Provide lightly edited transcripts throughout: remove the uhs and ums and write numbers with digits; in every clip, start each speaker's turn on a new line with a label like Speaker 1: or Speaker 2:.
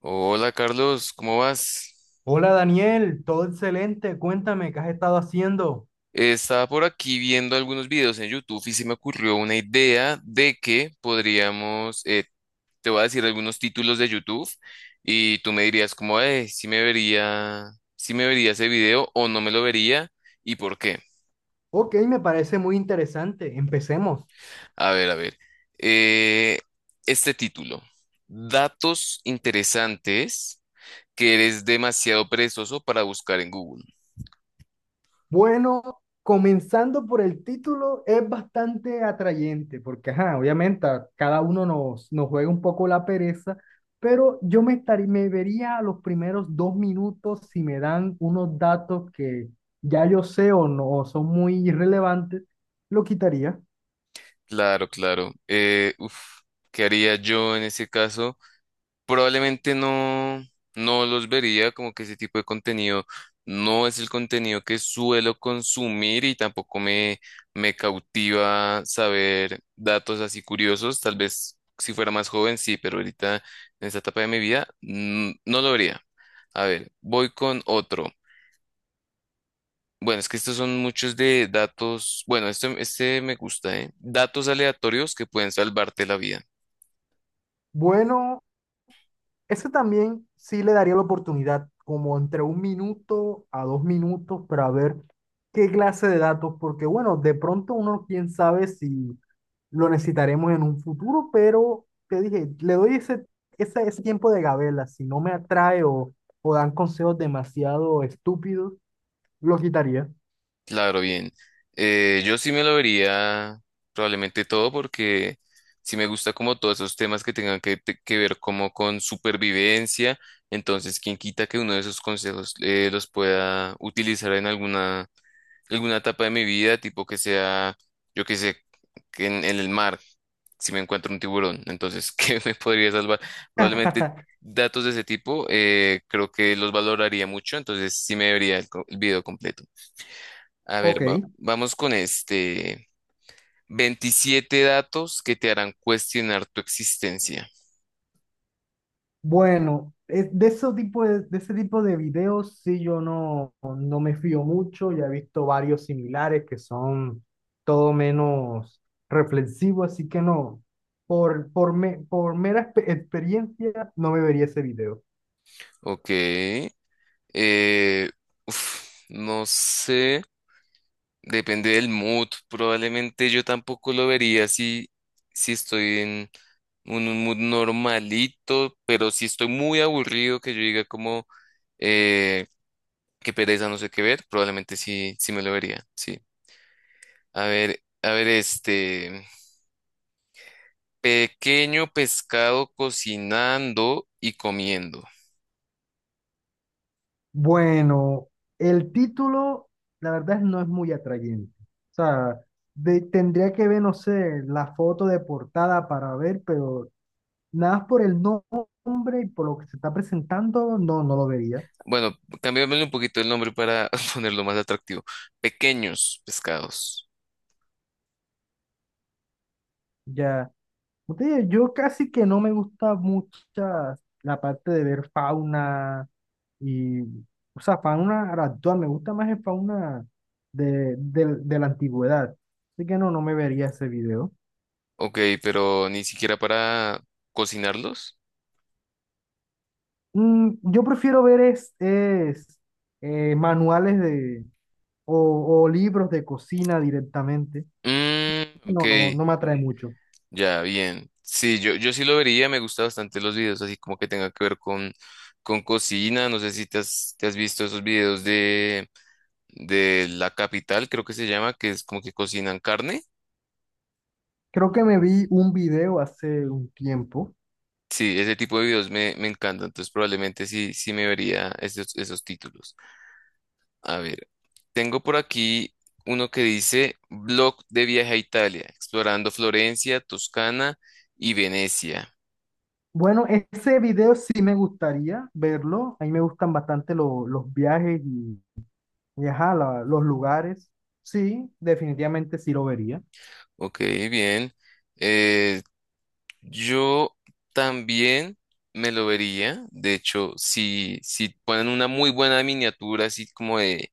Speaker 1: Hola Carlos, ¿cómo vas?
Speaker 2: Hola Daniel, todo excelente. Cuéntame, ¿qué has estado haciendo?
Speaker 1: Estaba por aquí viendo algunos videos en YouTube y se me ocurrió una idea de que podríamos, te voy a decir algunos títulos de YouTube y tú me dirías como, si me vería, si me vería ese video o no me lo vería y por qué.
Speaker 2: Ok, me parece muy interesante. Empecemos.
Speaker 1: A ver. eh, este título, datos interesantes que eres demasiado perezoso para buscar en Google.
Speaker 2: Bueno, comenzando por el título, es bastante atrayente, porque ajá, obviamente a cada uno nos juega un poco la pereza, pero yo me vería a los primeros dos minutos. Si me dan unos datos que ya yo sé o no o son muy irrelevantes, lo quitaría.
Speaker 1: Claro, claro. ¿Qué haría yo en ese caso? Probablemente no, no los vería, como que ese tipo de contenido no es el contenido que suelo consumir y tampoco me, me cautiva saber datos así curiosos. Tal vez si fuera más joven, sí, pero ahorita en esta etapa de mi vida no lo vería. A ver, voy con otro. Bueno, es que estos son muchos de datos. Bueno, este me gusta, ¿eh? Datos aleatorios que pueden salvarte la vida.
Speaker 2: Bueno, ese también sí le daría la oportunidad, como entre un minuto a dos minutos, para ver qué clase de datos, porque bueno, de pronto uno quién sabe si lo necesitaremos en un futuro, pero te dije, le doy ese tiempo de gabela. Si no me atrae o dan consejos demasiado estúpidos, lo quitaría.
Speaker 1: Claro, bien. Yo sí me lo vería probablemente todo porque sí me gusta como todos esos temas que tengan que ver como con supervivencia. Entonces, quién quita que uno de esos consejos los pueda utilizar en alguna etapa de mi vida, tipo que sea, yo que sé, que en el mar, si me encuentro un tiburón. Entonces, ¿qué me podría salvar? Probablemente datos de ese tipo, creo que los valoraría mucho. Entonces, sí me vería el video completo.
Speaker 2: Ok.
Speaker 1: Vamos con este. 27 datos que te harán cuestionar tu existencia.
Speaker 2: Bueno, es de ese tipo de ese tipo de videos. Sí yo no, no me fío mucho, ya he visto varios similares que son todo menos reflexivos, así que no, por mera experiencia no me vería ese video.
Speaker 1: Ok. No sé. Depende del mood. Probablemente yo tampoco lo vería si, si estoy en un mood normalito, pero si estoy muy aburrido, que yo diga como eh, qué pereza, no sé qué ver, probablemente sí, sí me lo vería. Sí. A ver, este. Pequeño pescado cocinando y comiendo.
Speaker 2: Bueno, el título la verdad no es muy atrayente, o sea, tendría que ver, no sé, la foto de portada para ver, pero nada más por el nombre y por lo que se está presentando, no, no lo vería.
Speaker 1: Bueno, cambiámosle un poquito el nombre para ponerlo más atractivo. Pequeños pescados.
Speaker 2: Ya, como te digo, yo casi que no me gusta mucho la parte de ver fauna y, o sea, fauna actual. Me gusta más el fauna de la antigüedad. Así que no, no me vería ese video.
Speaker 1: Ok, pero ni siquiera para cocinarlos.
Speaker 2: Mm, yo prefiero ver manuales de, o libros de cocina directamente.
Speaker 1: Mm, ok,
Speaker 2: No, no, no me atrae mucho.
Speaker 1: ya, bien. Sí, yo sí lo vería, me gustan bastante los videos, así como que tenga que ver con cocina. No sé si te has, te has visto esos videos de La Capital, creo que se llama, que es como que cocinan carne.
Speaker 2: Creo que me vi un video hace un tiempo.
Speaker 1: Sí, ese tipo de videos me encanta, entonces probablemente sí, sí me vería esos títulos. A ver, tengo por aquí uno que dice Blog de viaje a Italia, explorando Florencia, Toscana y Venecia.
Speaker 2: Bueno, ese video sí me gustaría verlo. A mí me gustan bastante los viajes y ajá, los lugares. Sí, definitivamente sí lo vería.
Speaker 1: Ok, bien. Eh, yo también me lo vería, de hecho, si ponen una muy buena miniatura, así como de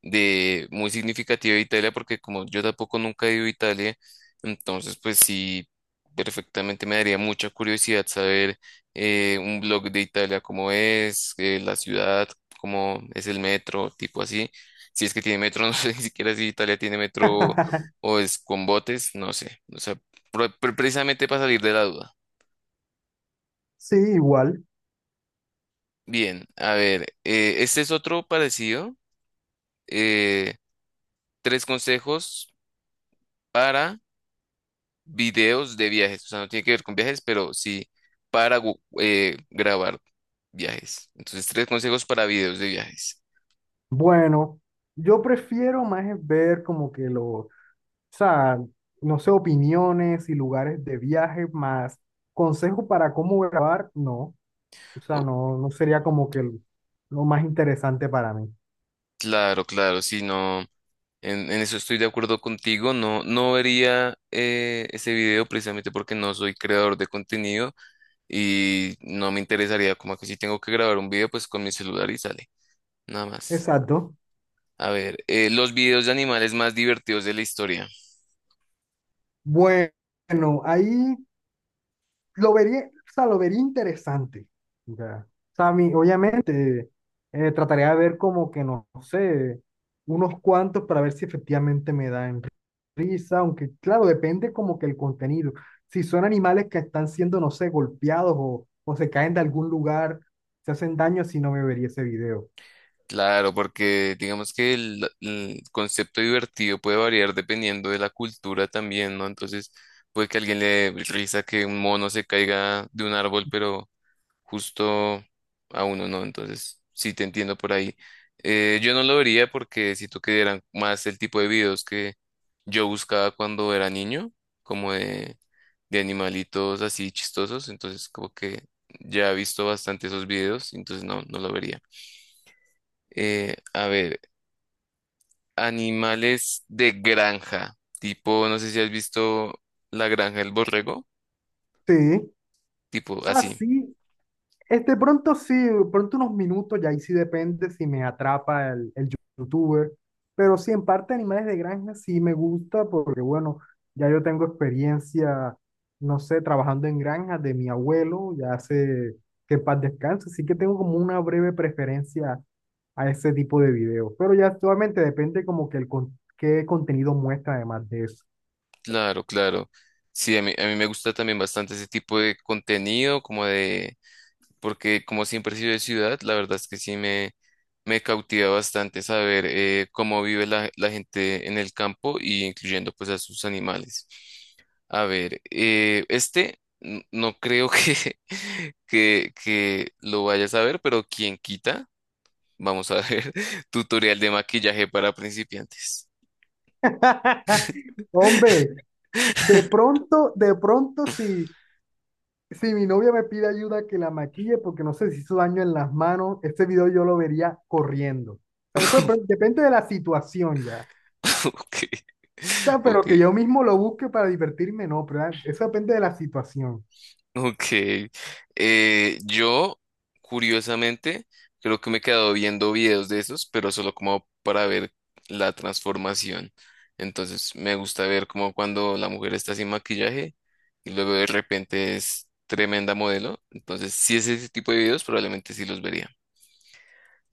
Speaker 1: muy significativa de Italia, porque como yo tampoco nunca he ido a Italia, entonces pues sí, perfectamente me daría mucha curiosidad saber un blog de Italia, cómo es, la ciudad, cómo es el metro, tipo así. Si es que tiene metro, no sé ni siquiera si Italia tiene metro o es con botes, no sé. O sea, precisamente para salir de la duda.
Speaker 2: Sí, igual.
Speaker 1: Bien, a ver, este es otro parecido. eh, Tres consejos para videos de viajes, o sea, no tiene que ver con viajes, pero sí para grabar viajes. Entonces, tres consejos para videos de viajes.
Speaker 2: Bueno, yo prefiero más es ver como que los, o sea, no sé, opiniones y lugares de viaje, más consejos para cómo grabar, no. O sea,
Speaker 1: Oh,
Speaker 2: no, no sería como que lo más interesante para mí.
Speaker 1: claro, claro, sí, no, en eso estoy de acuerdo contigo, no, no vería ese video precisamente porque no soy creador de contenido y no me interesaría, como que si tengo que grabar un video, pues con mi celular y sale, nada más.
Speaker 2: Exacto.
Speaker 1: A ver, los videos de animales más divertidos de la historia.
Speaker 2: Bueno, ahí lo vería, o sea, lo vería interesante. Ya. O sea, a mí, obviamente, trataría de ver como que, no sé, unos cuantos para ver si efectivamente me dan risa, aunque claro, depende como que el contenido. Si son animales que están siendo, no sé, golpeados o se caen de algún lugar, se hacen daño, si no me vería ese video.
Speaker 1: Claro, porque digamos que el concepto divertido puede variar dependiendo de la cultura también, ¿no? Entonces, puede que a alguien le dé risa que un mono se caiga de un árbol, pero justo a uno no. Entonces, sí te entiendo por ahí. Yo no lo vería porque siento que eran más el tipo de videos que yo buscaba cuando era niño, como de animalitos así chistosos. Entonces, como que ya he visto bastante esos videos, entonces no, no lo vería. A ver. Animales de granja, tipo, no sé si has visto La Granja del Borrego,
Speaker 2: Sí, o
Speaker 1: tipo
Speaker 2: sea,
Speaker 1: así,
Speaker 2: sí, este, pronto sí, pronto unos minutos, y ahí sí depende si me atrapa el youtuber, pero sí, en parte animales de granja sí me gusta porque, bueno, ya yo tengo experiencia, no sé, trabajando en granjas de mi abuelo, ya hace que en paz descanse, así que tengo como una breve preferencia a ese tipo de videos, pero ya actualmente depende como que el qué contenido muestra además de eso.
Speaker 1: claro, claro. Sí, a mí me gusta también bastante ese tipo de contenido, como de, porque como siempre he sido de ciudad, la verdad es que sí me cautiva bastante saber cómo vive la gente en el campo y incluyendo pues a sus animales. A ver, este no creo que, que lo vayas a ver, pero quien quita. Vamos a ver. Tutorial de maquillaje para principiantes.
Speaker 2: Hombre, de pronto sí. Si mi novia me pide ayuda que la maquille porque no sé si hizo daño en las manos, este video yo lo vería corriendo. O sea, eso depende de la situación ya.
Speaker 1: Ok,
Speaker 2: O sea, pero que
Speaker 1: ok,
Speaker 2: yo mismo lo busque para divertirme, no, pero ah, eso depende de la situación.
Speaker 1: ok. Eh, yo, curiosamente, creo que me he quedado viendo videos de esos, pero solo como para ver la transformación. Entonces, me gusta ver como cuando la mujer está sin maquillaje y luego de repente es tremenda modelo. Entonces, si es ese tipo de videos, probablemente sí los vería.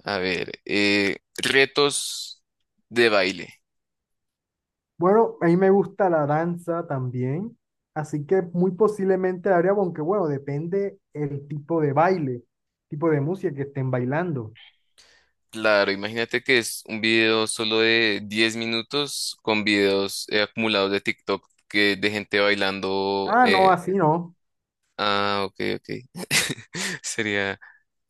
Speaker 1: A ver, retos de baile.
Speaker 2: Bueno, a mí me gusta la danza también, así que muy posiblemente la haría, aunque bueno, depende el tipo de baile, tipo de música que estén bailando.
Speaker 1: Claro, imagínate que es un video solo de 10 minutos con videos acumulados de TikTok que de gente bailando.
Speaker 2: Ah, no, así no.
Speaker 1: Ah, ok, ok. Sería,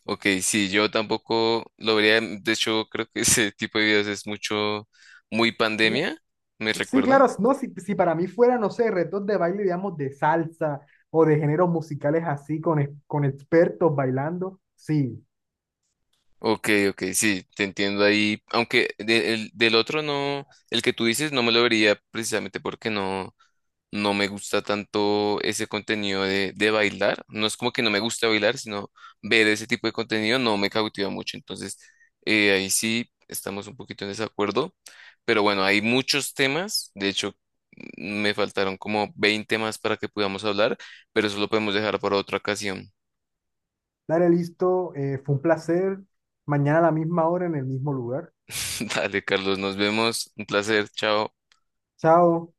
Speaker 1: ok, sí, yo tampoco lo vería. De hecho, creo que ese tipo de videos es muy
Speaker 2: No,
Speaker 1: pandemia, ¿me
Speaker 2: sí, claro,
Speaker 1: recuerda?
Speaker 2: no, si, si para mí fuera, no sé, retos de baile, digamos, de salsa o de géneros musicales así, con, con expertos bailando, sí.
Speaker 1: Ok, ok, sí, te entiendo ahí. Aunque del otro no, el que tú dices no me lo vería precisamente porque no. No me gusta tanto ese contenido de bailar. No es como que no me gusta bailar, sino ver ese tipo de contenido no me cautiva mucho. Entonces, ahí sí estamos un poquito en desacuerdo. Pero bueno, hay muchos temas. De hecho, me faltaron como 20 más para que podamos hablar, pero eso lo podemos dejar para otra ocasión.
Speaker 2: Dale, listo, fue un placer. Mañana a la misma hora en el mismo lugar.
Speaker 1: Dale, Carlos, nos vemos. Un placer. Chao.
Speaker 2: Chao.